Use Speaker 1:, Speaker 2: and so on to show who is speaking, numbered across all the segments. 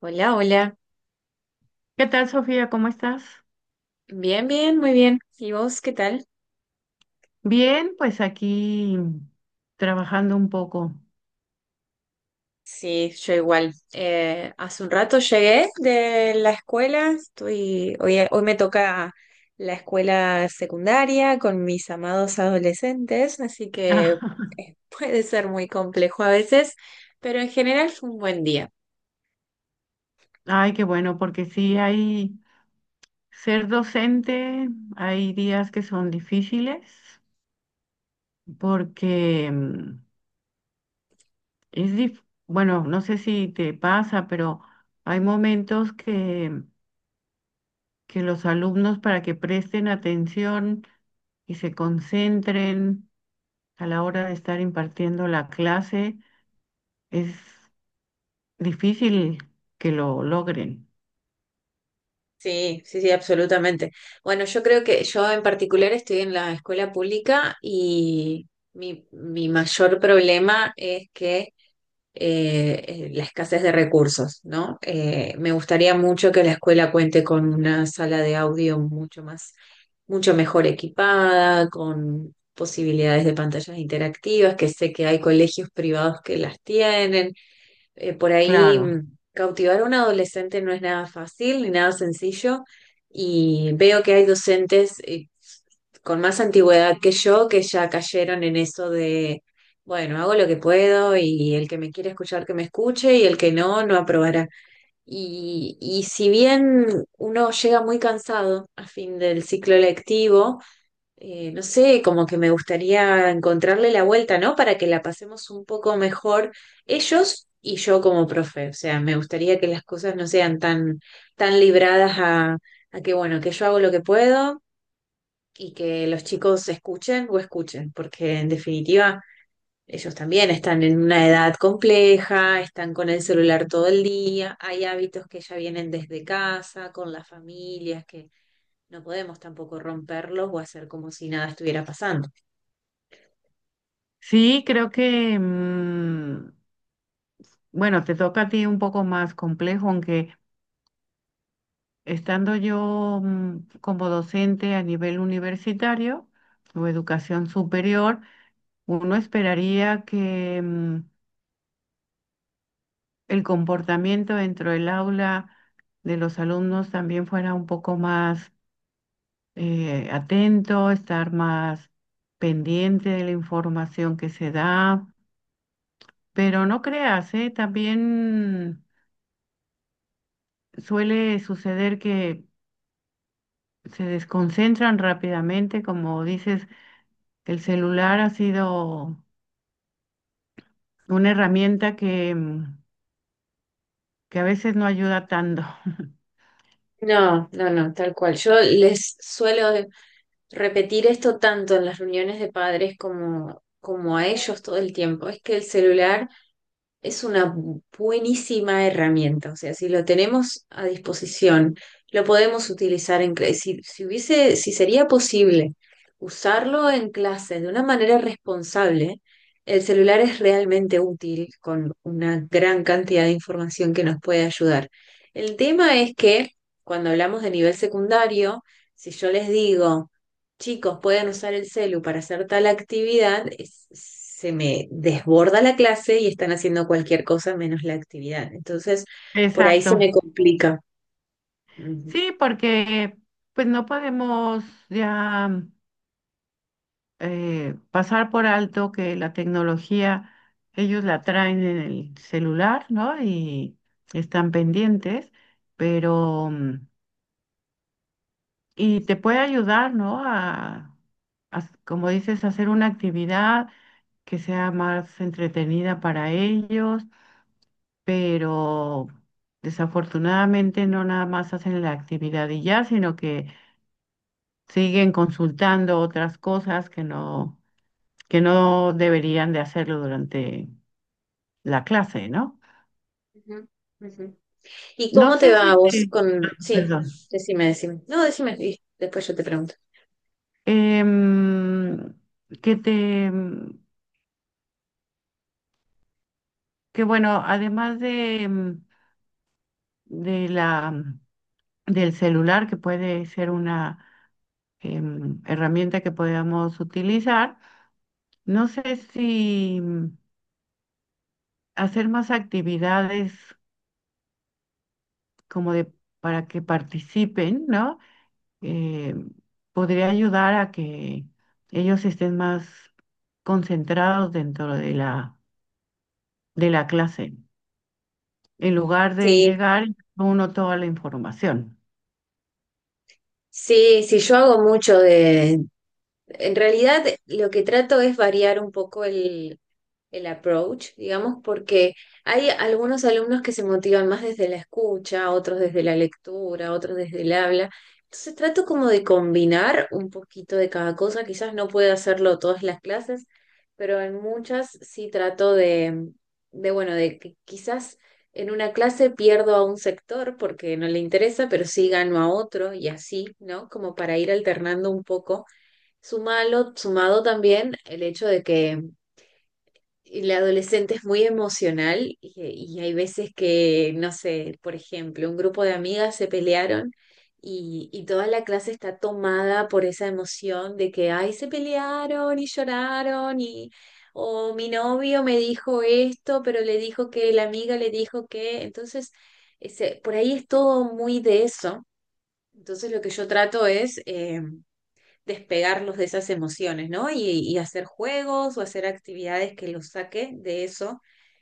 Speaker 1: Hola, hola.
Speaker 2: ¿Qué tal, Sofía? ¿Cómo estás?
Speaker 1: Bien, bien, muy bien. ¿Y vos qué tal?
Speaker 2: Bien, pues aquí trabajando un poco.
Speaker 1: Sí, yo igual. Hace un rato llegué de la escuela. Estoy, hoy me toca la escuela secundaria con mis amados adolescentes, así que puede ser muy complejo a veces, pero en general fue un buen día.
Speaker 2: Ay, qué bueno, porque sí hay ser docente, hay días que son difíciles, porque es dif- bueno, no sé si te pasa, pero hay momentos que los alumnos para que presten atención y se concentren a la hora de estar impartiendo la clase es difícil que lo logren,
Speaker 1: Sí, sí, sí, absolutamente. Bueno, yo creo que yo en particular estoy en la escuela pública y mi mayor problema es que la escasez de recursos, ¿no? Me gustaría mucho que la escuela cuente con una sala de audio mucho más, mucho mejor equipada, con posibilidades de pantallas interactivas, que sé que hay colegios privados que las tienen por ahí
Speaker 2: claro.
Speaker 1: cautivar a un adolescente no es nada fácil ni nada sencillo. Y veo que hay docentes con más antigüedad que yo que ya cayeron en eso de, bueno, hago lo que puedo y el que me quiere escuchar que me escuche y el que no, no aprobará. Y si bien uno llega muy cansado a fin del ciclo lectivo, no sé, como que me gustaría encontrarle la vuelta, ¿no? Para que la pasemos un poco mejor ellos y yo como profe. O sea, me gustaría que las cosas no sean tan, tan libradas a que, bueno, que yo hago lo que puedo y que los chicos escuchen o escuchen, porque en definitiva ellos también están en una edad compleja, están con el celular todo el día, hay hábitos que ya vienen desde casa, con las familias, que no podemos tampoco romperlos o hacer como si nada estuviera pasando.
Speaker 2: Sí, creo que, bueno, te toca a ti un poco más complejo, aunque estando yo como docente a nivel universitario o educación superior, uno esperaría que el comportamiento dentro del aula de los alumnos también fuera un poco más atento, estar más pendiente de la información que se da. Pero no creas, ¿eh? También suele suceder que se desconcentran rápidamente, como dices, el celular ha sido una herramienta que a veces no ayuda tanto.
Speaker 1: No, no, no, tal cual. Yo les suelo repetir esto tanto en las reuniones de padres como, como a ellos todo el tiempo. Es que el celular es una buenísima herramienta, o sea, si lo tenemos a disposición, lo podemos utilizar en clase. Si, si hubiese, si sería posible usarlo en clase de una manera responsable, el celular es realmente útil con una gran cantidad de información que nos puede ayudar. El tema es que cuando hablamos de nivel secundario, si yo les digo, chicos pueden usar el celu para hacer tal actividad, es- se me desborda la clase y están haciendo cualquier cosa menos la actividad. Entonces, por ahí se
Speaker 2: Exacto.
Speaker 1: me complica. Ujú,
Speaker 2: Sí, porque pues no podemos ya pasar por alto que la tecnología, ellos la traen en el celular, ¿no? Y están pendientes, pero y te puede ayudar, ¿no? Como dices, hacer una actividad que sea más entretenida para ellos, pero desafortunadamente no nada más hacen la actividad y ya, sino que siguen consultando otras cosas que no deberían de hacerlo durante la clase, ¿no?
Speaker 1: ujú, ujú. ¿Y
Speaker 2: No
Speaker 1: cómo te
Speaker 2: sé
Speaker 1: va
Speaker 2: si
Speaker 1: a vos
Speaker 2: te.
Speaker 1: con...?
Speaker 2: Ah,
Speaker 1: Sí,
Speaker 2: perdón.
Speaker 1: decime, decime. No, decime y después yo te pregunto.
Speaker 2: Em, que te... Que bueno, además de... em, de la, del celular, que puede ser una herramienta que podamos utilizar. No sé si hacer más actividades como de para que participen, ¿no? Eh, Podría ayudar a que ellos estén más concentrados dentro de la clase, en lugar de
Speaker 1: Sí,
Speaker 2: llegar uno toda la información.
Speaker 1: sí, sí, yo hago mucho de, en realidad, lo que trato es variar un poco el approach, digamos, porque hay algunos alumnos que se motivan más desde la escucha, otros desde la lectura, otros desde el habla. Entonces trato como de combinar un poquito de cada cosa. Quizás no pueda hacerlo todas las clases, pero en muchas sí trato de bueno, de que quizás en una clase pierdo a un sector porque no le interesa, pero sí gano a otro y así, ¿no? Como para ir alternando un poco. Sumalo, sumado también el hecho de que el adolescente es muy emocional y hay veces que, no sé, por ejemplo, un grupo de amigas se pelearon y toda la clase está tomada por esa emoción de que, ay, se pelearon y lloraron y, o mi novio me dijo esto, pero le dijo que la amiga le dijo que, entonces, ese- por ahí es todo muy de eso. Entonces, lo que yo trato es... despegarlos de esas emociones, ¿no? Y hacer juegos o hacer actividades que los saque de eso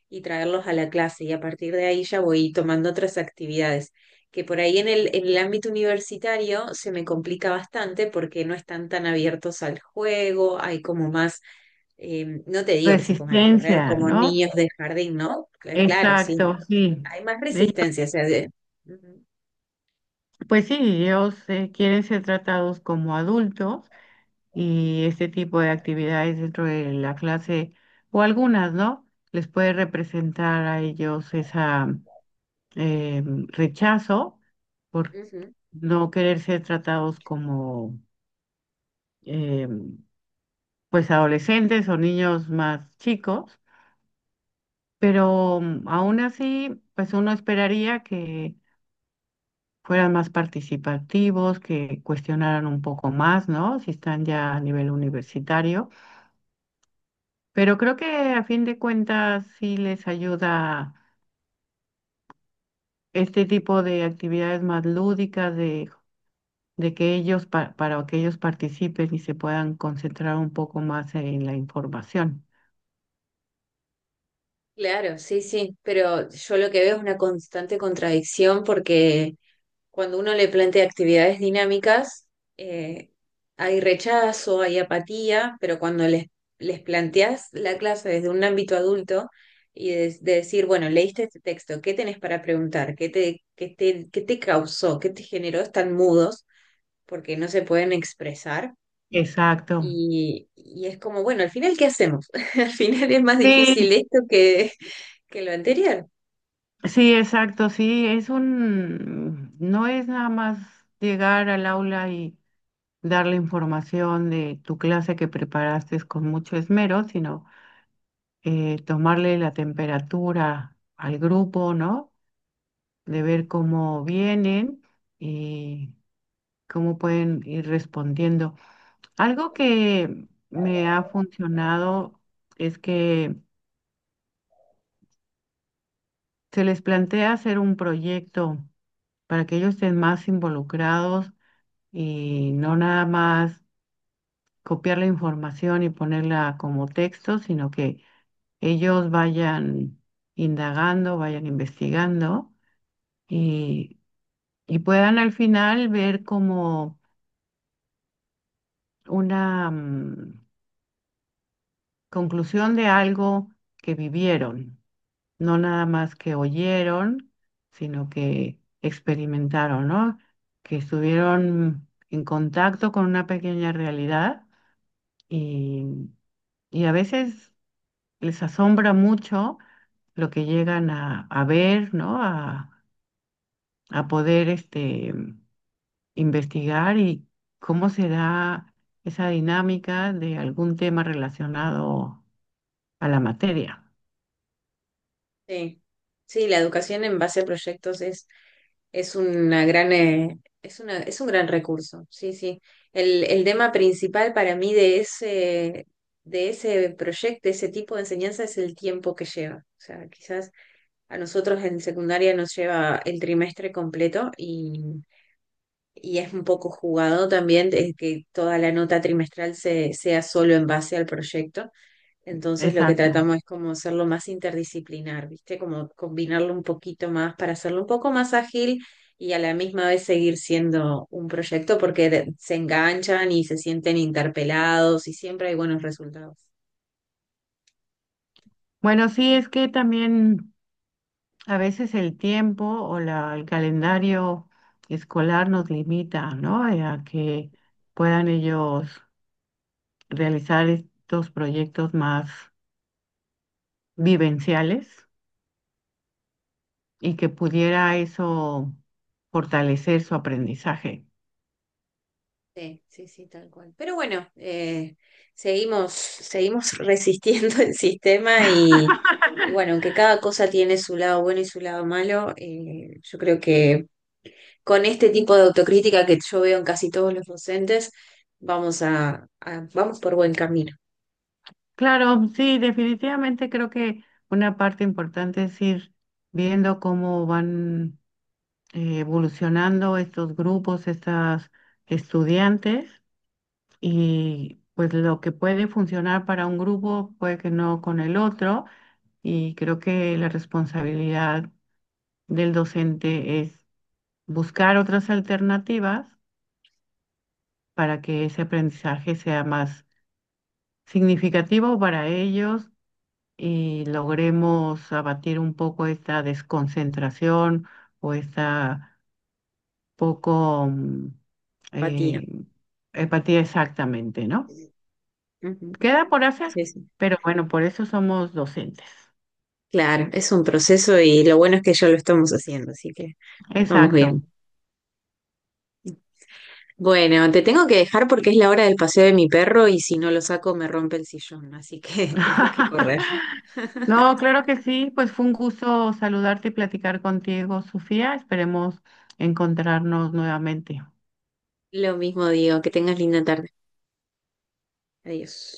Speaker 1: y traerlos a la clase. Y a partir de ahí ya voy tomando otras actividades, que por ahí en el ámbito universitario se me complica bastante porque no están tan abiertos al juego, hay como más, no te digo que se pongan a correr
Speaker 2: Resistencia,
Speaker 1: como
Speaker 2: ¿no?
Speaker 1: niños de jardín, ¿no? Claro, sí,
Speaker 2: Exacto, sí.
Speaker 1: hay más resistencia, o sea, de- Ujú,
Speaker 2: Pues sí, ellos quieren ser tratados como adultos y este tipo de actividades dentro de la clase, o algunas, ¿no? Les puede representar a ellos esa eh, rechazo por
Speaker 1: ujú.
Speaker 2: no querer ser tratados como eh, pues adolescentes o niños más chicos, pero aún así, pues uno esperaría que fueran más participativos, que cuestionaran un poco más, ¿no? Si están ya a nivel universitario. Pero creo que a fin de cuentas sí les ayuda este tipo de actividades más lúdicas, de que ellos, para que ellos participen y se puedan concentrar un poco más en la información.
Speaker 1: Claro, sí, sí, pero yo lo que veo es una constante contradicción porque cuando uno le plantea actividades dinámicas, eh, hay rechazo, hay apatía, pero cuando les planteas la clase desde un ámbito adulto y de decir, bueno, leíste este texto, ¿qué tenés para preguntar? ¿Qué te, qué te, qué te causó? ¿Qué te generó? Están mudos porque no se pueden expresar.
Speaker 2: Exacto.
Speaker 1: Y es como, bueno, al final, ¿qué hacemos? Al final es más
Speaker 2: Sí,
Speaker 1: difícil esto que lo anterior.
Speaker 2: sí, exacto, sí, no es nada más llegar al aula y dar la información de tu clase que preparaste con mucho esmero, sino tomarle la temperatura al grupo, ¿no? De
Speaker 1: Ujú.
Speaker 2: ver cómo vienen y cómo pueden ir respondiendo. Algo que me ha funcionado es que se les plantea hacer un proyecto para que ellos estén más involucrados y no nada más copiar la información y ponerla como texto, sino que ellos vayan indagando, vayan investigando y, y puedan al final ver como una conclusión de algo que vivieron, no nada más que oyeron, sino que experimentaron, ¿no? Que estuvieron en contacto con una pequeña realidad y, y a veces les asombra mucho lo que llegan a ver, ¿no? A poder investigar y cómo se da esa dinámica de algún tema relacionado a la materia.
Speaker 1: Sí, sí, la educación en base a proyectos es una gran, es una, es un gran recurso. Sí, sí. El tema principal para mí de ese proyecto, de ese tipo de enseñanza, es el tiempo que lleva. O sea, quizás a nosotros en secundaria nos lleva el trimestre completo y es un poco jugado también de que toda la nota trimestral se, sea solo en base al proyecto. Entonces lo que
Speaker 2: Exacto.
Speaker 1: tratamos es como hacerlo más interdisciplinar, ¿viste? Como combinarlo un poquito más para hacerlo un poco más ágil y a la misma vez seguir siendo un proyecto porque de- se enganchan y se sienten interpelados y siempre hay buenos resultados.
Speaker 2: Bueno, sí, es que también a veces el tiempo o el calendario escolar nos limita, ¿no? A que puedan ellos realizar estos proyectos más vivenciales y que pudiera eso fortalecer su aprendizaje.
Speaker 1: Sí, sí, sí, tal cual. Pero bueno, seguimos, seguimos resistiendo el sistema y bueno, aunque cada cosa tiene su lado bueno y su lado malo, yo creo que con este tipo de autocrítica que yo veo en casi todos los docentes, vamos a- vamos por buen camino.
Speaker 2: Claro, sí, definitivamente creo que una parte importante es ir viendo cómo van evolucionando estos grupos, estas estudiantes, y pues lo que puede funcionar para un grupo puede que no con el otro, y creo que la responsabilidad del docente es buscar otras alternativas para que ese aprendizaje sea más significativo para ellos y logremos abatir un poco esta desconcentración o esta poco
Speaker 1: Patina.
Speaker 2: eh, empatía exactamente, ¿no?
Speaker 1: Ujú,
Speaker 2: Queda por hacer,
Speaker 1: sí, sí.
Speaker 2: pero bueno, por eso somos docentes.
Speaker 1: Claro, es un proceso y lo bueno es que ya lo estamos haciendo, así que vamos
Speaker 2: Exacto.
Speaker 1: bien. Bueno, te tengo que dejar porque es la hora del paseo de mi perro y si no lo saco me rompe el sillón, así que tengo que correr.
Speaker 2: No, claro que sí, pues fue un gusto saludarte y platicar contigo, Sofía. Esperemos encontrarnos nuevamente.
Speaker 1: Lo mismo digo, que tengas linda tarde. Adiós.